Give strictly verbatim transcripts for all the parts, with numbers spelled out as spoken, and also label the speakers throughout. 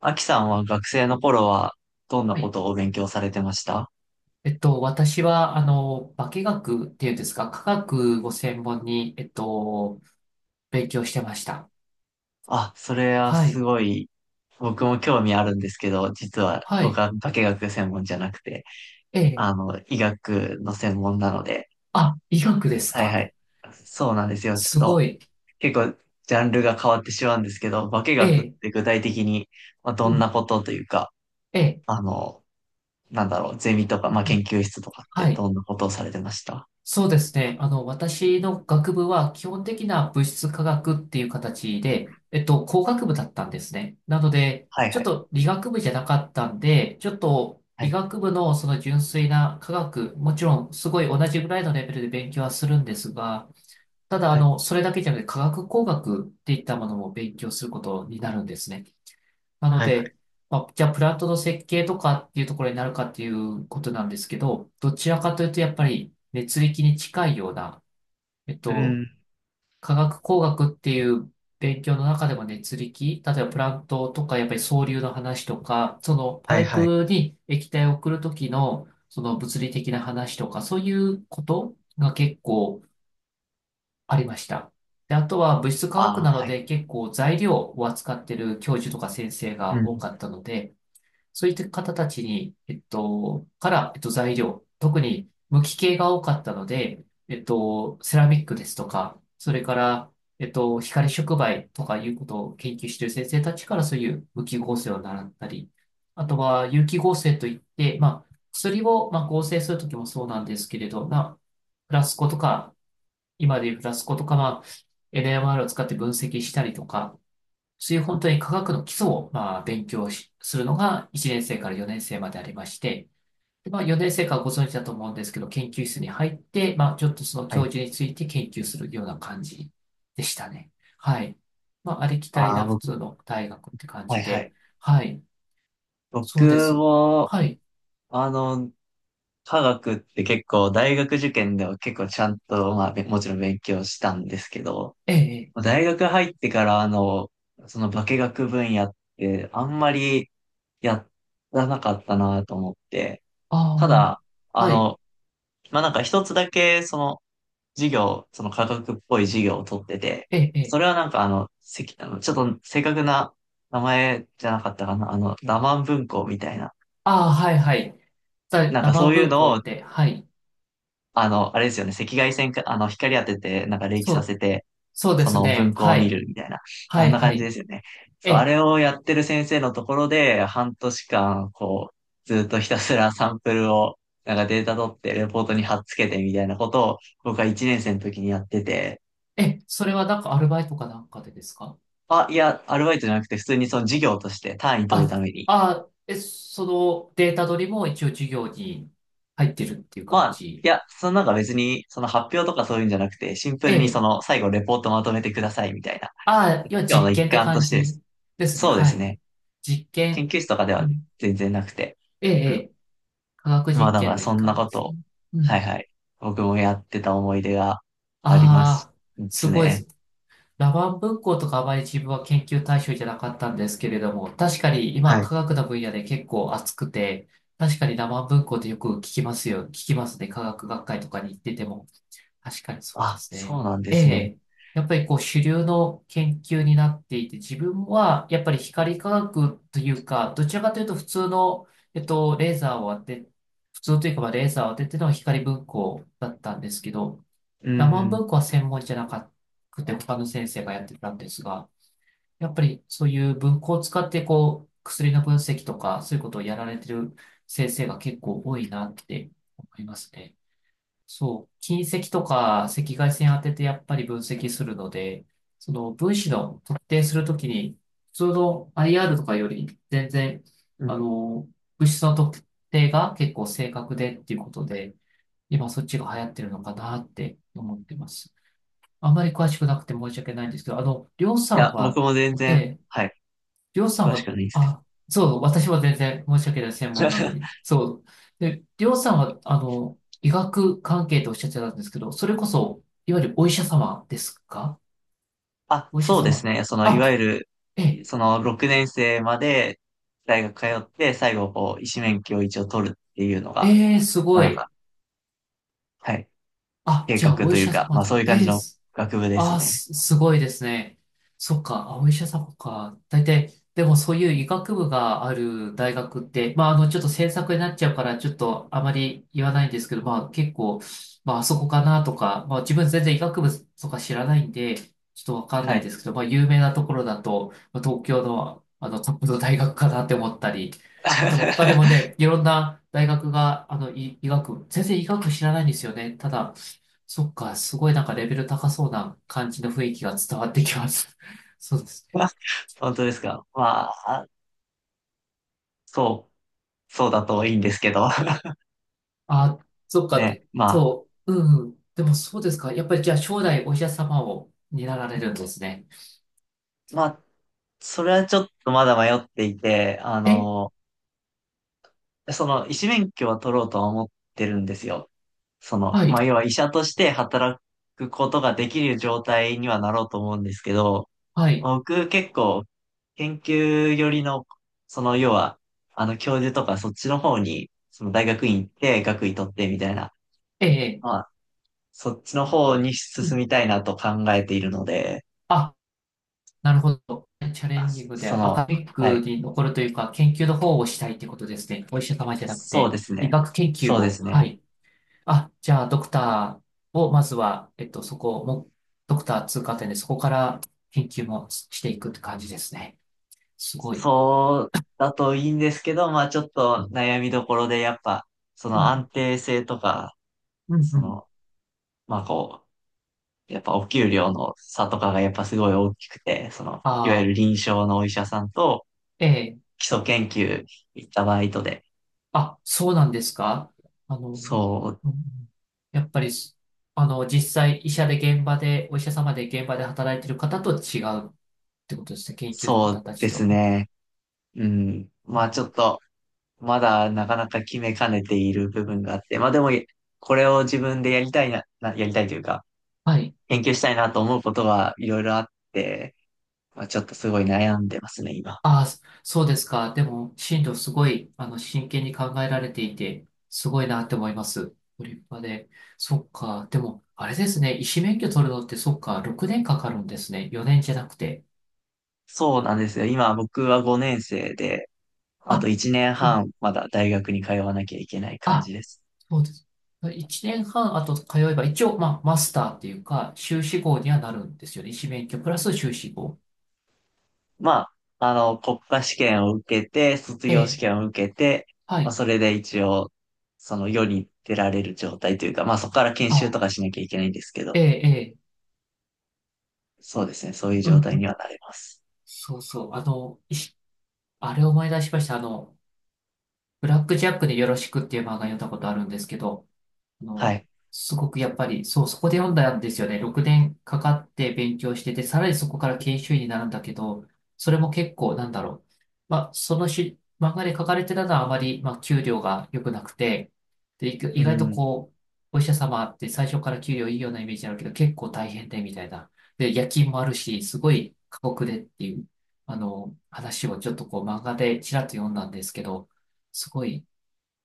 Speaker 1: アキさんは学生の頃はどんな
Speaker 2: は
Speaker 1: こ
Speaker 2: い。
Speaker 1: とをお勉強されてました？
Speaker 2: えっと、私は、あの、化学っていうんですか、化学を専門に、えっと、勉強してました。
Speaker 1: あ、それは
Speaker 2: は
Speaker 1: す
Speaker 2: い。
Speaker 1: ごい、僕も興味あるんですけど、実は
Speaker 2: は
Speaker 1: 僕
Speaker 2: い。
Speaker 1: は化学専門じゃなくて、
Speaker 2: ええ。
Speaker 1: あの、医学の専門なので、
Speaker 2: あ、医学です
Speaker 1: はい
Speaker 2: か？
Speaker 1: はい。そうなんですよ。ちょっ
Speaker 2: すご
Speaker 1: と、
Speaker 2: い。
Speaker 1: 結構、ジャンルが変わってしまうんですけど、化
Speaker 2: え
Speaker 1: 学っ
Speaker 2: え。
Speaker 1: て具体的に、まあ、ど
Speaker 2: う
Speaker 1: んな
Speaker 2: ん。
Speaker 1: ことというか、
Speaker 2: ええ。
Speaker 1: あの、なんだろう、ゼミと
Speaker 2: う
Speaker 1: か、
Speaker 2: ん
Speaker 1: まあ、
Speaker 2: う
Speaker 1: 研
Speaker 2: ん、
Speaker 1: 究室とかっ
Speaker 2: は
Speaker 1: て
Speaker 2: い。
Speaker 1: どんなことをされてました？
Speaker 2: そうですね。あの、私の学部は基本的な物質科学っていう形で、えっと、工学部だったんですね。なので、
Speaker 1: はい
Speaker 2: ちょ
Speaker 1: は
Speaker 2: っ
Speaker 1: い。
Speaker 2: と理学部じゃなかったんで、ちょっと
Speaker 1: は
Speaker 2: 理
Speaker 1: い。
Speaker 2: 学部のその純粋な科学、もちろんすごい同じぐらいのレベルで勉強はするんですが、ただ、あ
Speaker 1: はい。
Speaker 2: の、それだけじゃなくて科学工学っていったものも勉強することになるんですね。なの
Speaker 1: はいはい。
Speaker 2: で、まあ、じゃあプラントの設計とかっていうところになるかっていうことなんですけど、どちらかというとやっぱり熱力に近いような、えっ
Speaker 1: う
Speaker 2: と、
Speaker 1: ん。
Speaker 2: 化学工学っていう勉強の中でも熱力、例えばプラントとかやっぱり層流の話とか、その
Speaker 1: は
Speaker 2: パ
Speaker 1: い
Speaker 2: イ
Speaker 1: はい。
Speaker 2: プに液体を送るときのその物理的な話とか、そういうことが結構ありました。で、あとは物質化
Speaker 1: あ
Speaker 2: 学
Speaker 1: あ、
Speaker 2: なの
Speaker 1: はい。
Speaker 2: で結構材料を扱ってる教授とか先生
Speaker 1: う
Speaker 2: が多
Speaker 1: ん。
Speaker 2: かったので、そういった方たちに、えっと、から、えっと、材料、特に無機系が多かったので、えっと、セラミックですとか、それから、えっと、光触媒とかいうことを研究している先生たちからそういう無機合成を習ったり、あとは有機合成といって、まあ、薬を、まあ、合成するときもそうなんですけれど、まあ、フラスコとか、今でいうフラスコとか、まあ、エヌエムアール を使って分析したりとか、そういう本当に科学の基礎を、まあ、勉強しするのがいちねん生からよねん生までありまして、で、まあ、よねん生からご存知だと思うんですけど、研究室に入って、まあ、ちょっとその
Speaker 1: は
Speaker 2: 教
Speaker 1: い。
Speaker 2: 授について研究するような感じでしたね。はい。まあ、ありきたり
Speaker 1: ああ、
Speaker 2: な普
Speaker 1: 僕、
Speaker 2: 通の大学って感
Speaker 1: は
Speaker 2: じ
Speaker 1: いは
Speaker 2: で、
Speaker 1: い。
Speaker 2: はい。そうで
Speaker 1: 僕
Speaker 2: す。
Speaker 1: も、
Speaker 2: はい。
Speaker 1: あの、科学って結構、大学受験では結構ちゃんと、まあ、べもちろん勉強したんですけど、
Speaker 2: ええ、ええ、
Speaker 1: 大学入ってから、あの、その化学分野って、あんまりやらなかったなと思って、ただ、
Speaker 2: ああ、
Speaker 1: あ
Speaker 2: はい。
Speaker 1: の、まあ、なんか一つだけ、その、授業、その科学っぽい授業を取ってて、
Speaker 2: ええ、ええ、
Speaker 1: それはなんかあの、せき、あの、ちょっと正確な名前じゃなかったかな、あの、ラマン文庫みたいな。
Speaker 2: ああ、はいはい。だ、
Speaker 1: なん
Speaker 2: ラ
Speaker 1: かそ
Speaker 2: マ
Speaker 1: ういう
Speaker 2: 文
Speaker 1: の
Speaker 2: 庫
Speaker 1: を、
Speaker 2: って、はい。
Speaker 1: あの、あれですよね、赤外線か、あの、光当てて、なんか冷気
Speaker 2: そ
Speaker 1: さ
Speaker 2: う、
Speaker 1: せて、
Speaker 2: そうで
Speaker 1: そ
Speaker 2: す
Speaker 1: の
Speaker 2: ね。
Speaker 1: 文庫を
Speaker 2: は
Speaker 1: 見
Speaker 2: い。
Speaker 1: るみたいな。
Speaker 2: は
Speaker 1: あん
Speaker 2: い、
Speaker 1: な
Speaker 2: は
Speaker 1: 感じで
Speaker 2: い。
Speaker 1: すよね。そ
Speaker 2: え
Speaker 1: う、あ
Speaker 2: え
Speaker 1: れをやってる先生のところで、半年間、こう、ずっとひたすらサンプルを、なんかデータ取って、レポートに貼っつけてみたいなことを、僕はいちねん生の時にやってて、
Speaker 2: え、それはなんかアルバイトかなんかでですか？
Speaker 1: あ、いや、アルバイトじゃなくて、普通にその授業として単位取る
Speaker 2: あ、
Speaker 1: ために。
Speaker 2: あ、え、そのデータ取りも一応授業に入ってるっていう
Speaker 1: ま
Speaker 2: 感
Speaker 1: あ、
Speaker 2: じ。
Speaker 1: いや、そのなんか別に、その発表とかそういうんじゃなくて、シンプ
Speaker 2: え
Speaker 1: ルにそ
Speaker 2: え。
Speaker 1: の最後レポートまとめてくださいみたいな。
Speaker 2: あ、要
Speaker 1: 授
Speaker 2: は
Speaker 1: 業の
Speaker 2: 実
Speaker 1: 一
Speaker 2: 験って
Speaker 1: 環と
Speaker 2: 感
Speaker 1: してで
Speaker 2: じ
Speaker 1: す。
Speaker 2: ですね。
Speaker 1: そうで
Speaker 2: は
Speaker 1: す
Speaker 2: い、はい。
Speaker 1: ね。
Speaker 2: 実
Speaker 1: 研
Speaker 2: 験。
Speaker 1: 究室とかで
Speaker 2: う
Speaker 1: は
Speaker 2: ん。
Speaker 1: 全然なくて。
Speaker 2: ええ、え
Speaker 1: うん。
Speaker 2: え。科学
Speaker 1: まあ
Speaker 2: 実
Speaker 1: だか
Speaker 2: 験
Speaker 1: ら
Speaker 2: の一
Speaker 1: そんな
Speaker 2: 環
Speaker 1: こ
Speaker 2: で
Speaker 1: と
Speaker 2: す
Speaker 1: を、
Speaker 2: ね。う
Speaker 1: はい
Speaker 2: ん。
Speaker 1: はい。僕もやってた思い出があります
Speaker 2: ああ、
Speaker 1: で
Speaker 2: す
Speaker 1: す
Speaker 2: ごいで
Speaker 1: ね。
Speaker 2: す。ラマン文庫とかあまり自分は研究対象じゃなかったんですけれども、確かに
Speaker 1: は
Speaker 2: 今
Speaker 1: い。
Speaker 2: 科学の分野で結構熱くて、確かにラマン文庫ってよく聞きますよ。聞きますね。科学学会とかに行ってても。確かにそうで
Speaker 1: あ、
Speaker 2: す
Speaker 1: そ
Speaker 2: ね。
Speaker 1: うなんで
Speaker 2: え
Speaker 1: すね。
Speaker 2: え。やっぱりこう主流の研究になっていて、自分はやっぱり光科学というか、どちらかというと普通の、えっと、レーザーを当て、普通というかまあレーザーを当てての光文庫だったんですけど、
Speaker 1: う
Speaker 2: ラマン
Speaker 1: ん。
Speaker 2: 文庫は専門じゃなくて、他の先生がやってたんですが、やっぱりそういう文庫を使って、こう、薬の分析とか、そういうことをやられてる先生が結構多いなって思いますね。そう、近赤とか赤外線当ててやっぱり分析するので、その分子の特定するときに、普通の アイアール とかより全然、
Speaker 1: うん。
Speaker 2: あの、物質の特定が結構正確でっていうことで、今そっちが流行ってるのかなって思ってます。あまり詳しくなくて申し訳ないんですけど、あの、りょう
Speaker 1: い
Speaker 2: さ
Speaker 1: や、
Speaker 2: ん
Speaker 1: 僕
Speaker 2: は、
Speaker 1: も全
Speaker 2: え
Speaker 1: 然、
Speaker 2: え、
Speaker 1: はい。
Speaker 2: りょうさん
Speaker 1: 詳しく
Speaker 2: は、
Speaker 1: はないです
Speaker 2: あ、そう、私は全然申し訳ない専
Speaker 1: け
Speaker 2: 門
Speaker 1: ど。
Speaker 2: なの に。そう。で、りょうさんは、あの、医学関係とおっしゃってたんですけど、それこそ、いわゆるお医者様ですか？
Speaker 1: あ、
Speaker 2: お医者
Speaker 1: そうで
Speaker 2: 様。
Speaker 1: すね。その、いわ
Speaker 2: あ、
Speaker 1: ゆ
Speaker 2: ええ、
Speaker 1: る、その、ろくねん生まで大学通って、最後、こう、医師免許を一応取るっていうのが、
Speaker 2: ええ、す
Speaker 1: まあ
Speaker 2: ご
Speaker 1: なん
Speaker 2: い。
Speaker 1: か、はい、
Speaker 2: あ、
Speaker 1: 計
Speaker 2: じゃあ
Speaker 1: 画
Speaker 2: お
Speaker 1: と
Speaker 2: 医
Speaker 1: いう
Speaker 2: 者
Speaker 1: か、
Speaker 2: 様
Speaker 1: まあそう
Speaker 2: だ。
Speaker 1: いう感じ
Speaker 2: ええ、
Speaker 1: の
Speaker 2: す
Speaker 1: 学部です
Speaker 2: ああ、
Speaker 1: ね。
Speaker 2: す、すごいですね。そっか、あ、お医者様か。大体、でもそういう医学部がある大学って、まあ、あの、ちょっと制作になっちゃうから、ちょっとあまり言わないんですけど、まあ、結構、まあ、あそこかなとか、まあ、自分全然医学部とか知らないんで、ちょっとわかん
Speaker 1: は
Speaker 2: ない
Speaker 1: い。
Speaker 2: ですけど、まあ、有名なところだと、まあ東京の、あの、トップの大学かなって思ったり、あと、他にも ね、いろんな大学が、あの、医、医学部、全然医学部知らないんですよね。ただ、そっか、すごいなんかレベル高そうな感じの雰囲気が伝わってきます。そうですね。
Speaker 1: まあ本当ですか。まあ、そう、そうだといいんですけど。
Speaker 2: あ、そっか、
Speaker 1: ね、
Speaker 2: で
Speaker 1: まあ、
Speaker 2: そう、うんうん。でもそうですか。やっぱりじゃあ将来お医者様を担られるんですね。
Speaker 1: まあ、それはちょっとまだ迷っていて、あ
Speaker 2: え、
Speaker 1: の、その、医師免許は取ろうとは思ってるんですよ。その、
Speaker 2: はい、
Speaker 1: まあ、要は医者として働くことができる状態にはなろうと思うんですけど、
Speaker 2: はい、
Speaker 1: 僕結構研究寄りの、その要は、あの教授とかそっちの方に、その大学院行って学位取ってみたいな、
Speaker 2: ええ、
Speaker 1: まあ、そっちの方に
Speaker 2: う
Speaker 1: 進
Speaker 2: ん、
Speaker 1: みたいなと考えているので、
Speaker 2: あ、なるほど。チャレンジングで
Speaker 1: そ
Speaker 2: ア
Speaker 1: の、
Speaker 2: カデミッ
Speaker 1: は
Speaker 2: ク
Speaker 1: い、
Speaker 2: に残るというか、研究の方をしたいってことですね。お医者様じゃなく
Speaker 1: そう
Speaker 2: て、
Speaker 1: です
Speaker 2: 医
Speaker 1: ね。
Speaker 2: 学研
Speaker 1: そ
Speaker 2: 究
Speaker 1: うで
Speaker 2: を。
Speaker 1: す
Speaker 2: は
Speaker 1: ね。
Speaker 2: い。あ、じゃあ、ドクターを、まずは、えっと、そこも、ドクター通過点で、そこから研究もしていくって感じですね。すごい。
Speaker 1: そうだといいんですけど、まあちょっと悩みどころでやっぱ、そ
Speaker 2: う
Speaker 1: の
Speaker 2: ん、
Speaker 1: 安定性とか、
Speaker 2: うん、う
Speaker 1: そ
Speaker 2: ん。
Speaker 1: のまあこう、やっぱお給料の差とかがやっぱすごい大きくて、その、いわ
Speaker 2: あ
Speaker 1: ゆる
Speaker 2: あ、
Speaker 1: 臨床のお医者さんと
Speaker 2: ええ。
Speaker 1: 基礎研究行ったバイトで、
Speaker 2: あ、そうなんですか？あの、うん
Speaker 1: そう、
Speaker 2: うん、やっぱりす、あの、実際、医者で現場で、お医者様で現場で働いてる方と違うってことですね。研究の
Speaker 1: そ
Speaker 2: 方
Speaker 1: う
Speaker 2: たち
Speaker 1: です
Speaker 2: と。
Speaker 1: ね。うん。まあち
Speaker 2: あ、
Speaker 1: ょっと、まだなかなか決めかねている部分があって、まあでも、これを自分でやりたいな、なやりたいというか、
Speaker 2: はい。
Speaker 1: 研究したいなと思うことはいろいろあって、まあちょっとすごい悩んでますね、今。
Speaker 2: ああ、そそうですか。でも、進路すごい、あの、真剣に考えられていて、すごいなって思います。ご立派で。そっか。でも、あれですね。医師免許取るのって、そっか、ろくねんかかるんですね。よねんじゃなくて。
Speaker 1: そうなんですよ。今僕はごねん生で、あと
Speaker 2: あ、
Speaker 1: 1年
Speaker 2: うん、
Speaker 1: 半、まだ大学に通わなきゃいけない感じ
Speaker 2: あ、
Speaker 1: です。
Speaker 2: そうです。いちねんはんあと通えば、一応、まあ、マスターっていうか、修士号にはなるんですよね。医師免許プラス修士号。
Speaker 1: まあ、あの、国家試験を受けて、卒
Speaker 2: え
Speaker 1: 業試
Speaker 2: え、
Speaker 1: 験を受けて、
Speaker 2: は
Speaker 1: まあ、
Speaker 2: い。
Speaker 1: それで一応、その世に出られる状態というか、まあ、そこから研修
Speaker 2: あ、
Speaker 1: とかしなきゃいけないんですけ
Speaker 2: え
Speaker 1: ど、
Speaker 2: え、ええ、
Speaker 1: そうですね、そういう
Speaker 2: うん、う
Speaker 1: 状態に
Speaker 2: ん、
Speaker 1: はなれます。
Speaker 2: そうそう。あの、医師あれを思い出しました。あの、ブラックジャックでよろしくっていう漫画読んだことあるんですけど、あ
Speaker 1: は
Speaker 2: の、
Speaker 1: い。
Speaker 2: すごくやっぱり、そう、そこで読んだんですよね。ろくねんかかって勉強してて、さらにそこから研修医になるんだけど、それも結構、なんだろう。まあ、そのし、漫画で書かれてたのはあまり、まあ、給料が良くなくて、で、意
Speaker 1: う
Speaker 2: 意外と
Speaker 1: ん。
Speaker 2: こう、お医者様って最初から給料いいようなイメージあるけど、結構大変で、みたいな。で、夜勤もあるし、すごい過酷でっていう、あの、話をちょっとこう、漫画でちらっと読んだんですけど、すごい、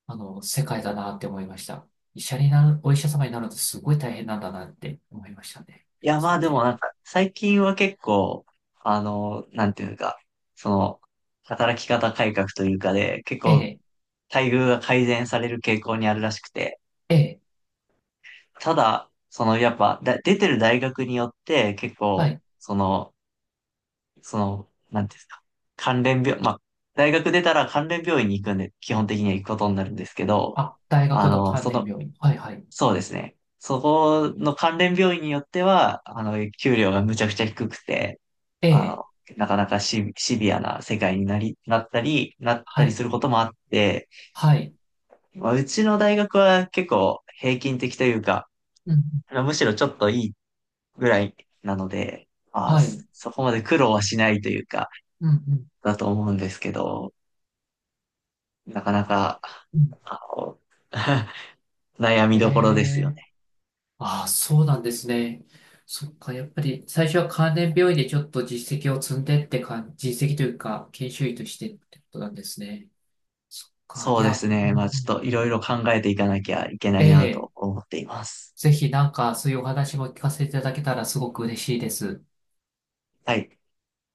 Speaker 2: あの、世界だなって思いました。医者になる、お医者様になるのってすごい大変なんだなって思いましたね。
Speaker 1: いや、
Speaker 2: そ
Speaker 1: まあ
Speaker 2: れ
Speaker 1: でも
Speaker 2: で、
Speaker 1: なんか、最近は結構、あの、なんていうか、その、働き方改革というかで、結
Speaker 2: え
Speaker 1: 構、
Speaker 2: え、
Speaker 1: 待遇が改善される傾向にあるらしくて、
Speaker 2: ええ、
Speaker 1: ただ、そのやっぱだ、出てる大学によって結
Speaker 2: は
Speaker 1: 構、
Speaker 2: い。
Speaker 1: その、その、なんていうんですか、関連病、まあ、大学出たら関連病院に行くんで、基本的には行くことになるんですけど、
Speaker 2: あ、大
Speaker 1: あ
Speaker 2: 学の
Speaker 1: の、
Speaker 2: 関
Speaker 1: そ
Speaker 2: 連
Speaker 1: の、
Speaker 2: 病院。はい、はい。
Speaker 1: そうですね。そこの関連病院によっては、あの、給料がむちゃくちゃ低くて、
Speaker 2: え
Speaker 1: あ
Speaker 2: え、
Speaker 1: の、なかなかシ、シビアな世界になり、なったり、なった
Speaker 2: は
Speaker 1: りす
Speaker 2: い、
Speaker 1: ることもあって、
Speaker 2: はい。
Speaker 1: まあ、うちの大学は結構平均的というか、
Speaker 2: うん、
Speaker 1: あのむしろちょっといいぐらいなので、まあー、
Speaker 2: はい。
Speaker 1: そそこまで苦労はしないというか、
Speaker 2: うん、うん、
Speaker 1: だと思うんですけど、なかなか、
Speaker 2: うん。
Speaker 1: あの 悩み
Speaker 2: え
Speaker 1: どころですよ
Speaker 2: え、
Speaker 1: ね。
Speaker 2: ああ、そうなんですね。そっか、やっぱり最初は関連病院でちょっと実績を積んでって感じ、実績というか、研修医としてってことなんですね。そっか、
Speaker 1: そ
Speaker 2: い
Speaker 1: うです
Speaker 2: や、うん
Speaker 1: ね。
Speaker 2: う
Speaker 1: まあちょっ
Speaker 2: ん、
Speaker 1: といろいろ考えていかなきゃいけないな
Speaker 2: ええ、
Speaker 1: と思っています。
Speaker 2: ぜひなんかそういうお話も聞かせていただけたらすごく嬉しいです。
Speaker 1: はい。